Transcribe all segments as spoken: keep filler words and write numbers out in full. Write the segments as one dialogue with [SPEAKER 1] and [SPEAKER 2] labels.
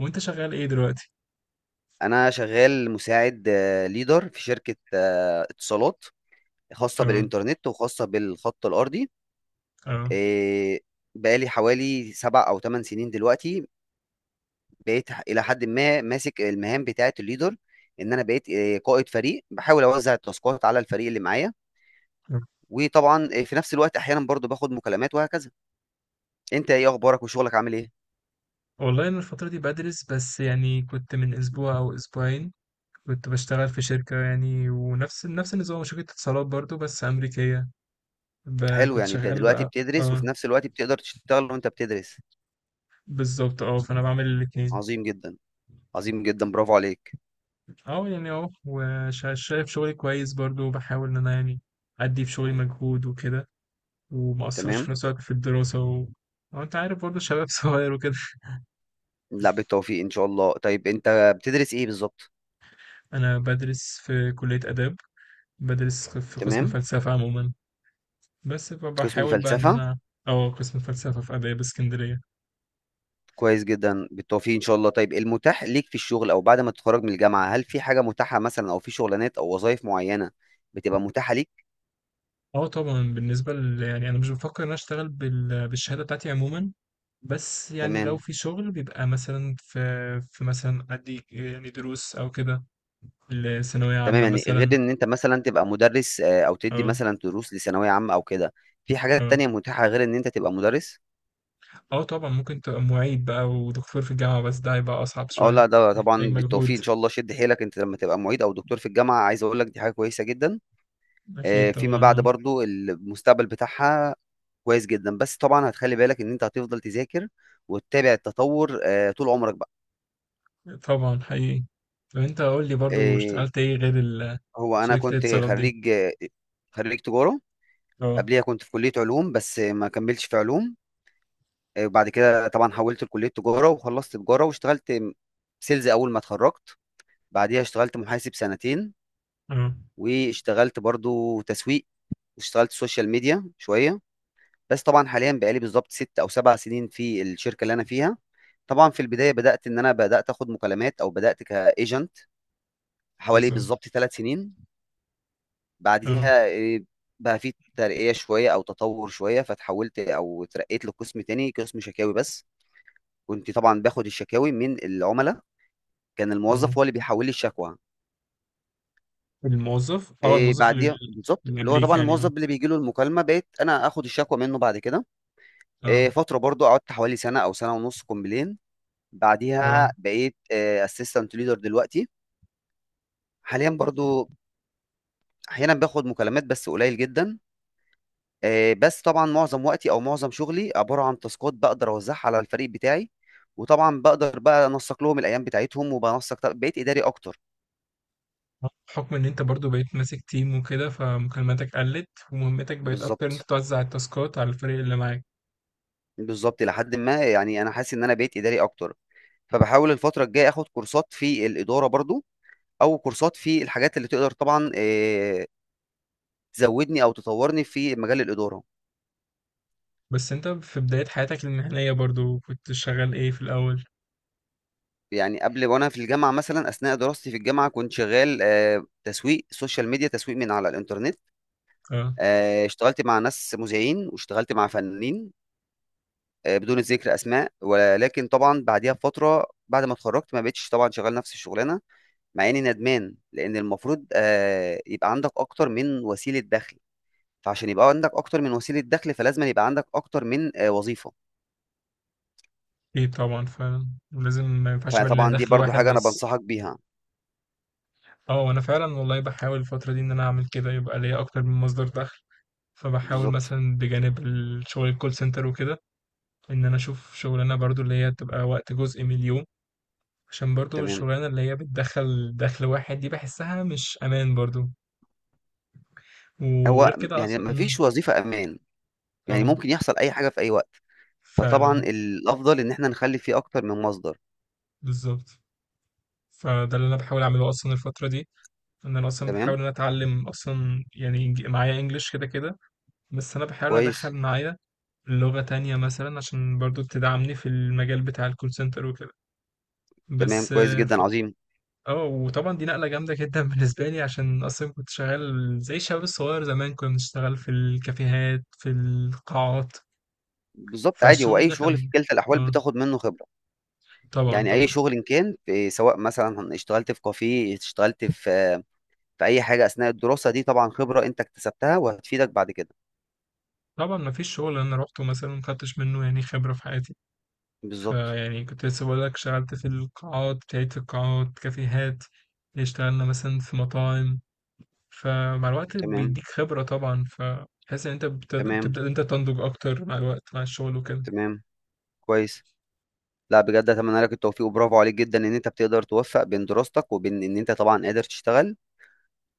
[SPEAKER 1] وانت شغال ايه دلوقتي؟
[SPEAKER 2] انا شغال مساعد ليدر في شركه آه، اتصالات خاصه
[SPEAKER 1] اه.
[SPEAKER 2] بالانترنت وخاصه بالخط الارضي.
[SPEAKER 1] اه.
[SPEAKER 2] آه، بقالي حوالي سبع او ثمان سنين دلوقتي، بقيت الى حد ما ماسك المهام بتاعه الليدر، ان انا بقيت آه، قائد فريق، بحاول اوزع التاسكات على الفريق اللي معايا.
[SPEAKER 1] آه.
[SPEAKER 2] وطبعا آه، في نفس الوقت احيانا برضو باخد مكالمات وهكذا. انت ايه اخبارك وشغلك عامل ايه؟
[SPEAKER 1] والله انا الفترة دي بدرس، بس يعني كنت من اسبوع او اسبوعين كنت بشتغل في شركة، يعني ونفس نفس النظام، شركة اتصالات برضو بس امريكية. ب-
[SPEAKER 2] حلو،
[SPEAKER 1] كنت
[SPEAKER 2] يعني انت
[SPEAKER 1] شغال
[SPEAKER 2] دلوقتي
[SPEAKER 1] بقى.
[SPEAKER 2] بتدرس وفي
[SPEAKER 1] اه،
[SPEAKER 2] نفس الوقت بتقدر تشتغل وانت بتدرس.
[SPEAKER 1] بالظبط، اه، فانا بعمل الاتنين.
[SPEAKER 2] عظيم جدا، عظيم جدا، برافو عليك.
[SPEAKER 1] اه، يعني اه وشايف شغلي كويس برضو، وبحاول ان انا يعني ادي في شغلي مجهود وكده، وما اثرش
[SPEAKER 2] تمام.
[SPEAKER 1] في نفس الوقت في الدراسة. و... اه انت عارف برضو، شباب صغير وكده.
[SPEAKER 2] لا، بالتوفيق ان شاء الله. طيب انت بتدرس ايه بالظبط؟
[SPEAKER 1] انا بدرس في كلية اداب، بدرس في قسم
[SPEAKER 2] تمام.
[SPEAKER 1] فلسفة عموما، بس
[SPEAKER 2] قسم
[SPEAKER 1] فبحاول بقى ان
[SPEAKER 2] فلسفة؟
[SPEAKER 1] انا، اه قسم فلسفه في اداب اسكندريه.
[SPEAKER 2] كويس جدا، بالتوفيق ان شاء الله. طيب المتاح ليك في الشغل او بعد ما تتخرج من الجامعة، هل في حاجة متاحة مثلا او في شغلانات او وظائف معينة بتبقى متاحة ليك؟
[SPEAKER 1] اه، طبعا بالنسبه ل... يعني انا مش بفكر ان انا اشتغل بال... بالشهاده بتاعتي عموما. بس يعني لو
[SPEAKER 2] تمام.
[SPEAKER 1] في شغل بيبقى مثلا في في مثلا ادي يعني دروس او كده لثانويه
[SPEAKER 2] تمام،
[SPEAKER 1] عامه
[SPEAKER 2] يعني غير
[SPEAKER 1] مثلا.
[SPEAKER 2] ان انت مثلا تبقى مدرس آه، او تدي
[SPEAKER 1] اه.
[SPEAKER 2] مثلا دروس لثانوية عامة او كده. في حاجات
[SPEAKER 1] اه.
[SPEAKER 2] تانية متاحة غير ان انت تبقى مدرس؟
[SPEAKER 1] اه، طبعا ممكن تبقى معيد بقى ودكتور في الجامعه، بس ده هيبقى اصعب
[SPEAKER 2] اه،
[SPEAKER 1] شويه.
[SPEAKER 2] لا ده
[SPEAKER 1] محتاج
[SPEAKER 2] طبعا بالتوفيق
[SPEAKER 1] مجهود
[SPEAKER 2] ان شاء الله، شد حيلك. انت لما تبقى معيد او دكتور في الجامعه عايز اقول لك دي حاجه كويسه جدا.
[SPEAKER 1] اكيد
[SPEAKER 2] آه، فيما بعد
[SPEAKER 1] طبعا.
[SPEAKER 2] برضو المستقبل بتاعها كويس جدا. بس طبعا هتخلي بالك ان انت هتفضل تذاكر وتتابع التطور آه، طول عمرك بقى.
[SPEAKER 1] آه. طبعا حقيقي. طب انت قول لي برضو
[SPEAKER 2] آه،
[SPEAKER 1] اشتغلت ايه غير ال-
[SPEAKER 2] هو انا
[SPEAKER 1] شركه
[SPEAKER 2] كنت
[SPEAKER 1] الاتصالات دي؟
[SPEAKER 2] خريج آه، خريج تجاره.
[SPEAKER 1] اه.
[SPEAKER 2] قبليها كنت في كليه علوم بس ما كملتش في علوم. آه، وبعد كده طبعا حولت لكليه تجاره وخلصت تجاره واشتغلت سيلز اول ما اتخرجت. بعديها اشتغلت محاسب سنتين،
[SPEAKER 1] اه.
[SPEAKER 2] واشتغلت برضو تسويق، واشتغلت سوشيال ميديا شويه. بس طبعا حاليا بقالي بالظبط ست او سبع سنين في الشركه اللي انا فيها. طبعا في البدايه بدات ان انا بدات اخد مكالمات او بدات كايجنت حوالي
[SPEAKER 1] بالظبط.
[SPEAKER 2] بالظبط ثلاث سنين.
[SPEAKER 1] اه.
[SPEAKER 2] بعديها إيه، بقى في ترقيه شويه او تطور شويه، فتحولت او اترقيت لقسم تاني، قسم شكاوي بس. كنت طبعا باخد الشكاوي من العملاء، كان
[SPEAKER 1] اه.
[SPEAKER 2] الموظف هو اللي بيحول لي الشكوى.
[SPEAKER 1] الموظف اه
[SPEAKER 2] إيه
[SPEAKER 1] الموظف اللي
[SPEAKER 2] بعديها بالظبط
[SPEAKER 1] اللي
[SPEAKER 2] اللي هو
[SPEAKER 1] قبليك
[SPEAKER 2] طبعا
[SPEAKER 1] يعني.
[SPEAKER 2] الموظف
[SPEAKER 1] اه.
[SPEAKER 2] اللي بيجي له المكالمه بقيت انا اخد الشكوى منه بعد كده. إيه
[SPEAKER 1] اه.
[SPEAKER 2] فتره برضو قعدت حوالي سنه او سنه ونص كومبلين.
[SPEAKER 1] اه،
[SPEAKER 2] بعديها بقيت اسيستنت ليدر. دلوقتي حاليا برضو احيانا باخد مكالمات بس قليل جدا. آه، بس طبعا معظم وقتي او معظم شغلي عباره عن تاسكات بقدر اوزعها على الفريق بتاعي. وطبعا بقدر بقى انسق لهم الايام بتاعتهم وبنسق، طب- بقيت اداري اكتر.
[SPEAKER 1] بحكم ان انت برضو بقيت ماسك تيم وكده، فمكالماتك قلت ومهمتك بقت اكتر ان انت
[SPEAKER 2] بالظبط.
[SPEAKER 1] توزع التاسكات على الفريق اللي معاك.
[SPEAKER 2] بالظبط، لحد ما يعني انا حاسس ان انا بقيت اداري اكتر. فبحاول الفتره الجايه اخد كورسات في الاداره برضو، او كورسات في الحاجات اللي تقدر طبعا آه، تزودني او تطورني في مجال الاداره.
[SPEAKER 1] بس انت في بداية حياتك المهنية برضو كنت شغال ايه في الاول؟
[SPEAKER 2] يعني قبل وانا في الجامعه مثلا، اثناء دراستي في الجامعه، كنت شغال آه، تسويق سوشيال ميديا، تسويق من على الانترنت.
[SPEAKER 1] اه،
[SPEAKER 2] آه، اشتغلت مع ناس مذيعين، واشتغلت مع فنانين آه، بدون ذكر اسماء. ولكن طبعا بعديها بفتره، بعد ما اتخرجت، ما بقتش طبعا شغال نفس الشغلانه، مع اني ندمان، لان المفروض آه، يبقى عندك اكتر من وسيله دخل. فعشان يبقى عندك اكتر من وسيله دخل فلازم يبقى عندك اكتر من آه، وظيفه.
[SPEAKER 1] ايه طبعا فعلا. ولازم ما ينفعش يبقى لنا
[SPEAKER 2] فطبعا دي
[SPEAKER 1] دخل
[SPEAKER 2] برضو
[SPEAKER 1] واحد
[SPEAKER 2] حاجه انا
[SPEAKER 1] بس.
[SPEAKER 2] بنصحك بيها.
[SPEAKER 1] اه، انا فعلا والله بحاول الفترة دي ان انا اعمل كده، يبقى ليا اكتر من مصدر دخل، فبحاول
[SPEAKER 2] بالظبط.
[SPEAKER 1] مثلا بجانب الشغل الكول سنتر وكده ان انا اشوف شغلانه برضو اللي هي تبقى وقت جزء من اليوم، عشان برضو
[SPEAKER 2] تمام.
[SPEAKER 1] الشغلانه اللي هي بتدخل دخل واحد دي بحسها مش امان برضو. وغير
[SPEAKER 2] هو
[SPEAKER 1] كده
[SPEAKER 2] يعني
[SPEAKER 1] اصلا.
[SPEAKER 2] ما
[SPEAKER 1] امم.
[SPEAKER 2] فيش وظيفه امان، يعني
[SPEAKER 1] اه،
[SPEAKER 2] ممكن يحصل اي حاجه في اي وقت. فطبعا
[SPEAKER 1] فعلا.
[SPEAKER 2] الافضل ان احنا نخلي فيه اكتر من مصدر.
[SPEAKER 1] بالظبط. فده اللي انا بحاول اعمله اصلا الفتره دي، ان انا اصلا بحاول
[SPEAKER 2] تمام.
[SPEAKER 1] ان أنا اتعلم، اصلا يعني إنج- معايا انجليش كده كده. بس انا بحاول إن أنا ادخل
[SPEAKER 2] كويس.
[SPEAKER 1] معايا لغه تانية مثلا، عشان برضو تدعمني في المجال بتاع الكول سنتر وكده.
[SPEAKER 2] تمام،
[SPEAKER 1] بس.
[SPEAKER 2] كويس جدا، عظيم.
[SPEAKER 1] اه، وطبعا دي نقله جامده جدا بالنسبه لي، عشان اصلا كنت شغال زي الشباب الصغير زمان، كنا بنشتغل في الكافيهات في القاعات،
[SPEAKER 2] بالظبط، عادي. هو
[SPEAKER 1] فالشغل
[SPEAKER 2] اي
[SPEAKER 1] ده
[SPEAKER 2] شغل في
[SPEAKER 1] كان.
[SPEAKER 2] كلتا الاحوال
[SPEAKER 1] اه.
[SPEAKER 2] بتاخد منه خبره.
[SPEAKER 1] طبعا
[SPEAKER 2] يعني اي
[SPEAKER 1] طبعا.
[SPEAKER 2] شغل إن كان، في، سواء مثلا اشتغلت في كافيه، اشتغلت في في اي حاجه اثناء الدراسه دي، طبعا خبره انت اكتسبتها وهتفيدك بعد كده.
[SPEAKER 1] طبعا ما فيش شغل انا روحته مثلا ما خدتش منه يعني خبره في حياتي.
[SPEAKER 2] بالظبط.
[SPEAKER 1] فيعني كنت لسه بقول لك شغلت في القاعات، ابتديت في القاعات، كافيهات، اشتغلنا مثلا في مطاعم، فمع الوقت
[SPEAKER 2] تمام.
[SPEAKER 1] بيديك خبره طبعا، فتحس ان انت بتد-
[SPEAKER 2] تمام.
[SPEAKER 1] بتبدا إن انت تنضج اكتر مع الوقت، مع الشغل وكده.
[SPEAKER 2] تمام. كويس. لا بجد، اتمنى لك التوفيق وبرافو عليك جدا ان انت بتقدر توفق بين دراستك وبين ان انت طبعا قادر تشتغل.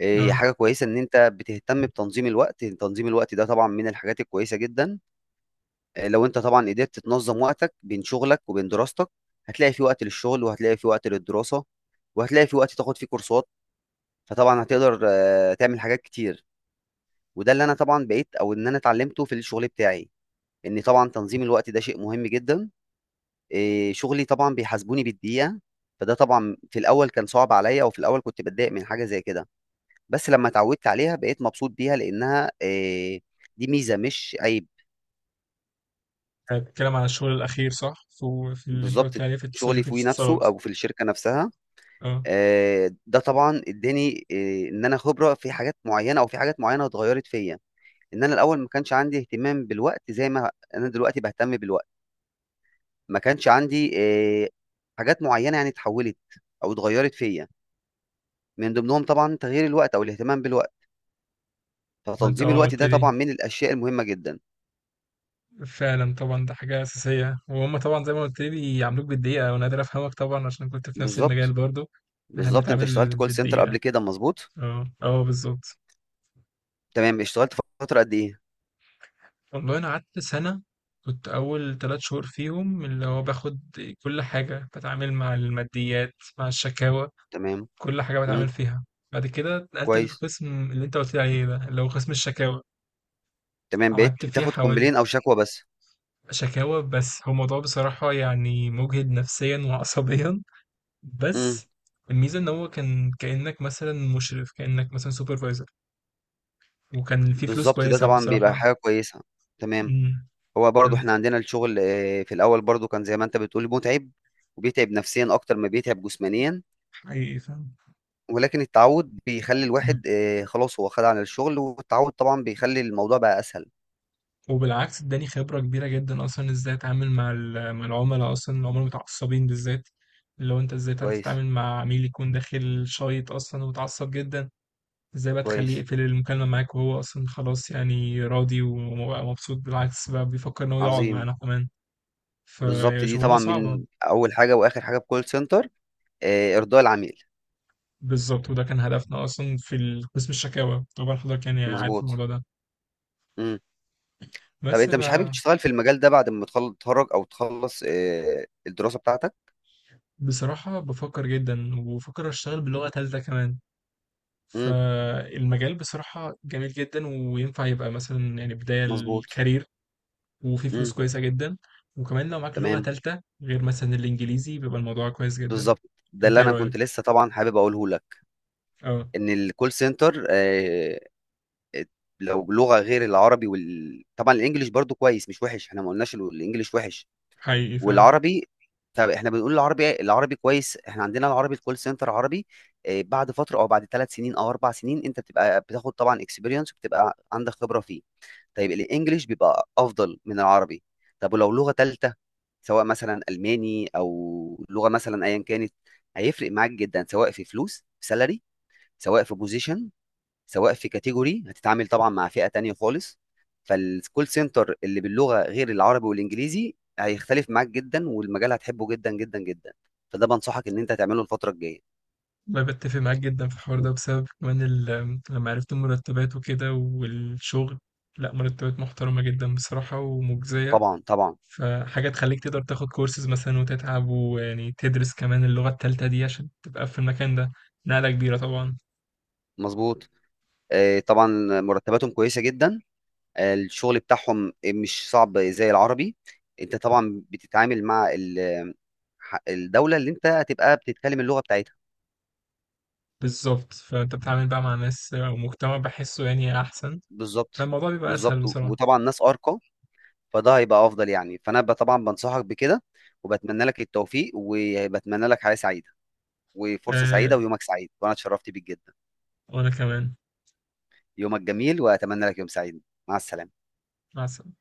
[SPEAKER 2] إيه، هي
[SPEAKER 1] اه،
[SPEAKER 2] حاجة كويسة إن أنت بتهتم بتنظيم الوقت، تنظيم الوقت ده طبعًا من الحاجات الكويسة جدًا. آآ، لو أنت طبعًا قدرت تنظم وقتك بين شغلك وبين دراستك، هتلاقي في وقت للشغل، وهتلاقي في وقت للدراسة، وهتلاقي في وقت تاخد فيه كورسات، فطبعًا هتقدر آه، تعمل حاجات كتير. وده اللي أنا طبعًا بقيت، أو إن أنا اتعلمته في الشغل بتاعي، إن طبعًا تنظيم الوقت ده شيء مهم جدًا. آآ، شغلي طبعًا بيحاسبوني بالدقيقة، فده طبعًا في الأول كان صعب عليَّ، وفي الأول كنت باتضايق من حاجة زي كده. بس لما اتعودت عليها بقيت مبسوط بيها، لأنها آآ دي ميزة مش عيب.
[SPEAKER 1] هتتكلم عن الشغل الأخير صح؟ في, في, اللي أنت
[SPEAKER 2] بالضبط.
[SPEAKER 1] قلت عليه في اتصال-
[SPEAKER 2] شغلي
[SPEAKER 1] شركة
[SPEAKER 2] فيه نفسه
[SPEAKER 1] الاتصالات.
[SPEAKER 2] أو في الشركة نفسها.
[SPEAKER 1] أه.
[SPEAKER 2] آآ ده طبعًا ادّاني آآ إن أنا خبرة في حاجات معيّنة، أو في حاجات معيّنة اتغيّرت فيّا. إن أنا الأول ما كانش عندي اهتمام بالوقت زي ما أنا دلوقتي باهتم بالوقت، ما كانش عندي آآ حاجات معيّنة، يعني اتحوّلت أو اتغيّرت فيّا. من ضمنهم طبعًا تغيير الوقت أو الاهتمام بالوقت،
[SPEAKER 1] ما أنت
[SPEAKER 2] فتنظيم
[SPEAKER 1] أه
[SPEAKER 2] الوقت
[SPEAKER 1] قلت
[SPEAKER 2] ده
[SPEAKER 1] لي.
[SPEAKER 2] طبعًا من الأشياء المهمة جدًا.
[SPEAKER 1] فعلا طبعا ده حاجة أساسية، وهم طبعا زي ما قلت لي بيعاملوك بالدقيقة، وأنا قادر أفهمك طبعا عشان كنت في نفس المجال
[SPEAKER 2] بالضبط.
[SPEAKER 1] برضو. إحنا
[SPEAKER 2] بالضبط، أنت اشتغلت
[SPEAKER 1] بنتعامل
[SPEAKER 2] call center
[SPEAKER 1] بالدقيقة.
[SPEAKER 2] قبل كده، مضبوط؟
[SPEAKER 1] أه. أه، بالظبط.
[SPEAKER 2] تمام، اشتغلت فترة قد ايه؟
[SPEAKER 1] والله أنا قعدت سنة. كنت أول تلات شهور فيهم اللي هو باخد كل حاجة، بتعامل مع الماديات، مع الشكاوى،
[SPEAKER 2] تمام.
[SPEAKER 1] كل حاجة بتعامل
[SPEAKER 2] امم.
[SPEAKER 1] فيها. بعد كده اتنقلت
[SPEAKER 2] كويس.
[SPEAKER 1] للقسم اللي أنت قلت لي عليه ده اللي هو قسم الشكاوى.
[SPEAKER 2] تمام،
[SPEAKER 1] قعدت
[SPEAKER 2] بقيت
[SPEAKER 1] فيه
[SPEAKER 2] بتاخد
[SPEAKER 1] حوالي.
[SPEAKER 2] كومبلين او شكوى بس.
[SPEAKER 1] شكاوى بس، هو الموضوع بصراحة يعني مجهد نفسيًا وعصبيًا،
[SPEAKER 2] امم.
[SPEAKER 1] بس الميزة إن هو كان كإنّك مثلًا مشرف، كإنّك مثلًا supervisor، وكان في فلوس
[SPEAKER 2] بالظبط، ده
[SPEAKER 1] كويسة
[SPEAKER 2] طبعا بيبقى
[SPEAKER 1] بصراحة.
[SPEAKER 2] حاجة كويسة. تمام.
[SPEAKER 1] إمم،
[SPEAKER 2] هو برضو
[SPEAKER 1] كان
[SPEAKER 2] احنا عندنا الشغل آه، في الاول برضو كان زي ما انت بتقول متعب، وبيتعب نفسيا اكتر ما بيتعب جسمانيا.
[SPEAKER 1] حقيقي فعلًا.
[SPEAKER 2] ولكن التعود بيخلي
[SPEAKER 1] إمم،
[SPEAKER 2] الواحد آه، خلاص هو خد على الشغل، والتعود طبعا بيخلي الموضوع بقى اسهل.
[SPEAKER 1] وبالعكس ادّاني خبرة كبيرة جدًا أصلًا إزاي أتعامل مع ال مع العملا أصلًا، العملا المتعصبين بالذات، اللي هو أنت إزاي تعرف
[SPEAKER 2] كويس.
[SPEAKER 1] تتعامل مع عميل يكون داخل شايط أصلًا ومتعصب جدًا. ازاي بقى تخليه
[SPEAKER 2] كويس.
[SPEAKER 1] يقفل المكالمة معاك وهو أصلا خلاص يعني راضي وبقى مبسوط، بالعكس بقى بيفكر إن هو يقعد
[SPEAKER 2] عظيم.
[SPEAKER 1] معانا كمان.
[SPEAKER 2] بالظبط، دي
[SPEAKER 1] فشغلانة
[SPEAKER 2] طبعا
[SPEAKER 1] صعبة.
[SPEAKER 2] من اول حاجة واخر حاجة في كول سنتر، آه، ارضاء العميل.
[SPEAKER 1] بالظبط، وده كان هدفنا أصلا في ال- قسم الشكاوى طبعا، حضرتك يعني عارف
[SPEAKER 2] مظبوط.
[SPEAKER 1] الموضوع ده.
[SPEAKER 2] مم. طب
[SPEAKER 1] بس
[SPEAKER 2] انت مش حابب
[SPEAKER 1] ف-
[SPEAKER 2] تشتغل في المجال ده بعد ما تخل- تتخرج او تخلص آه، الدراسة بتاعتك؟
[SPEAKER 1] بصراحة بفكر جدا، وبفكر أشتغل بلغة تالتة كمان.
[SPEAKER 2] امم.
[SPEAKER 1] فالمجال بصراحة جميل جدا وينفع يبقى مثلا يعني بداية
[SPEAKER 2] مظبوط.
[SPEAKER 1] الكارير. وفي فلوس
[SPEAKER 2] امم.
[SPEAKER 1] كويسة جدا. وكمان لو معاك لغة
[SPEAKER 2] تمام.
[SPEAKER 1] تالتة غير مثلا الإنجليزي بيبقى الموضوع كويس جدا.
[SPEAKER 2] بالظبط. ده
[SPEAKER 1] أنت
[SPEAKER 2] اللي
[SPEAKER 1] إيه
[SPEAKER 2] انا
[SPEAKER 1] رأيك؟
[SPEAKER 2] كنت لسه طبعا حابب اقوله لك،
[SPEAKER 1] اه،
[SPEAKER 2] ان الكول سنتر آه، لو لغة غير العربي وال... طبعا الانجليش برضو كويس، مش وحش، احنا ما قلناش الو- الانجليش وحش.
[SPEAKER 1] حقيقي فعلا.
[SPEAKER 2] والعربي، طب احنا بنقول العربي، العربي كويس. احنا عندنا العربي، الكول سنتر عربي. آه، بعد فتره او بعد ثلاث سنين او اربع سنين انت بتبقى بتاخد طبعا اكسبيرينس وبتبقى عندك خبره فيه. طيب الانجليش بيبقى افضل من العربي. طب ولو لغه ثالثه، سواء مثلا الماني او لغه مثلا ايا كانت، هيفرق معاك جدا، سواء في فلوس، في سالري، سواء في بوزيشن، سواء في كاتيجوري، هتتعامل طبعا مع فئة تانية خالص. فالكول سنتر اللي باللغة غير العربي والانجليزي هيختلف معاك جدا، والمجال هتحبه جدا جدا جدا. فده بنصحك ان انت تعمله الفترة الجاية.
[SPEAKER 1] انا بتفق معاك جدا في الحوار ده بسبب كمان ال- لما عرفت المرتبات وكده والشغل. لا، مرتبات محترمة جدا بصراحة ومجزية.
[SPEAKER 2] طبعا. طبعا.
[SPEAKER 1] فحاجة تخليك تقدر تاخد كورسز مثلا وتتعب، ويعني تدرس كمان اللغة التالتة دي عشان تبقى في المكان ده. نقلة كبيرة طبعا.
[SPEAKER 2] مظبوط. آه، طبعا مرتباتهم كويسة جدا. آه، الشغل بتاعهم مش صعب زي العربي. انت طبعا بتتعامل مع ال- الدولة اللي انت هتبقى بتتكلم اللغة بتاعتها.
[SPEAKER 1] بالظبط، فانت بتتعامل بقى مع ناس ومجتمع بحسه يعني احسن.
[SPEAKER 2] بالظبط.
[SPEAKER 1] فالموضوع بيبقى
[SPEAKER 2] بالظبط،
[SPEAKER 1] اسهل بصراحة.
[SPEAKER 2] وطبعا ناس ارقى. فده هيبقى افضل يعني. فانا ب- طبعا بنصحك بكده. وبتمنى لك التوفيق، وبتمنى لك حياة سعيدة وفرصة سعيدة،
[SPEAKER 1] آه،
[SPEAKER 2] ويومك سعيد، وانا اتشرفت بيك جدا.
[SPEAKER 1] وانا كمان.
[SPEAKER 2] يومك جميل، واتمنى لك يوم سعيد. مع السلامة.
[SPEAKER 1] مع السلامة.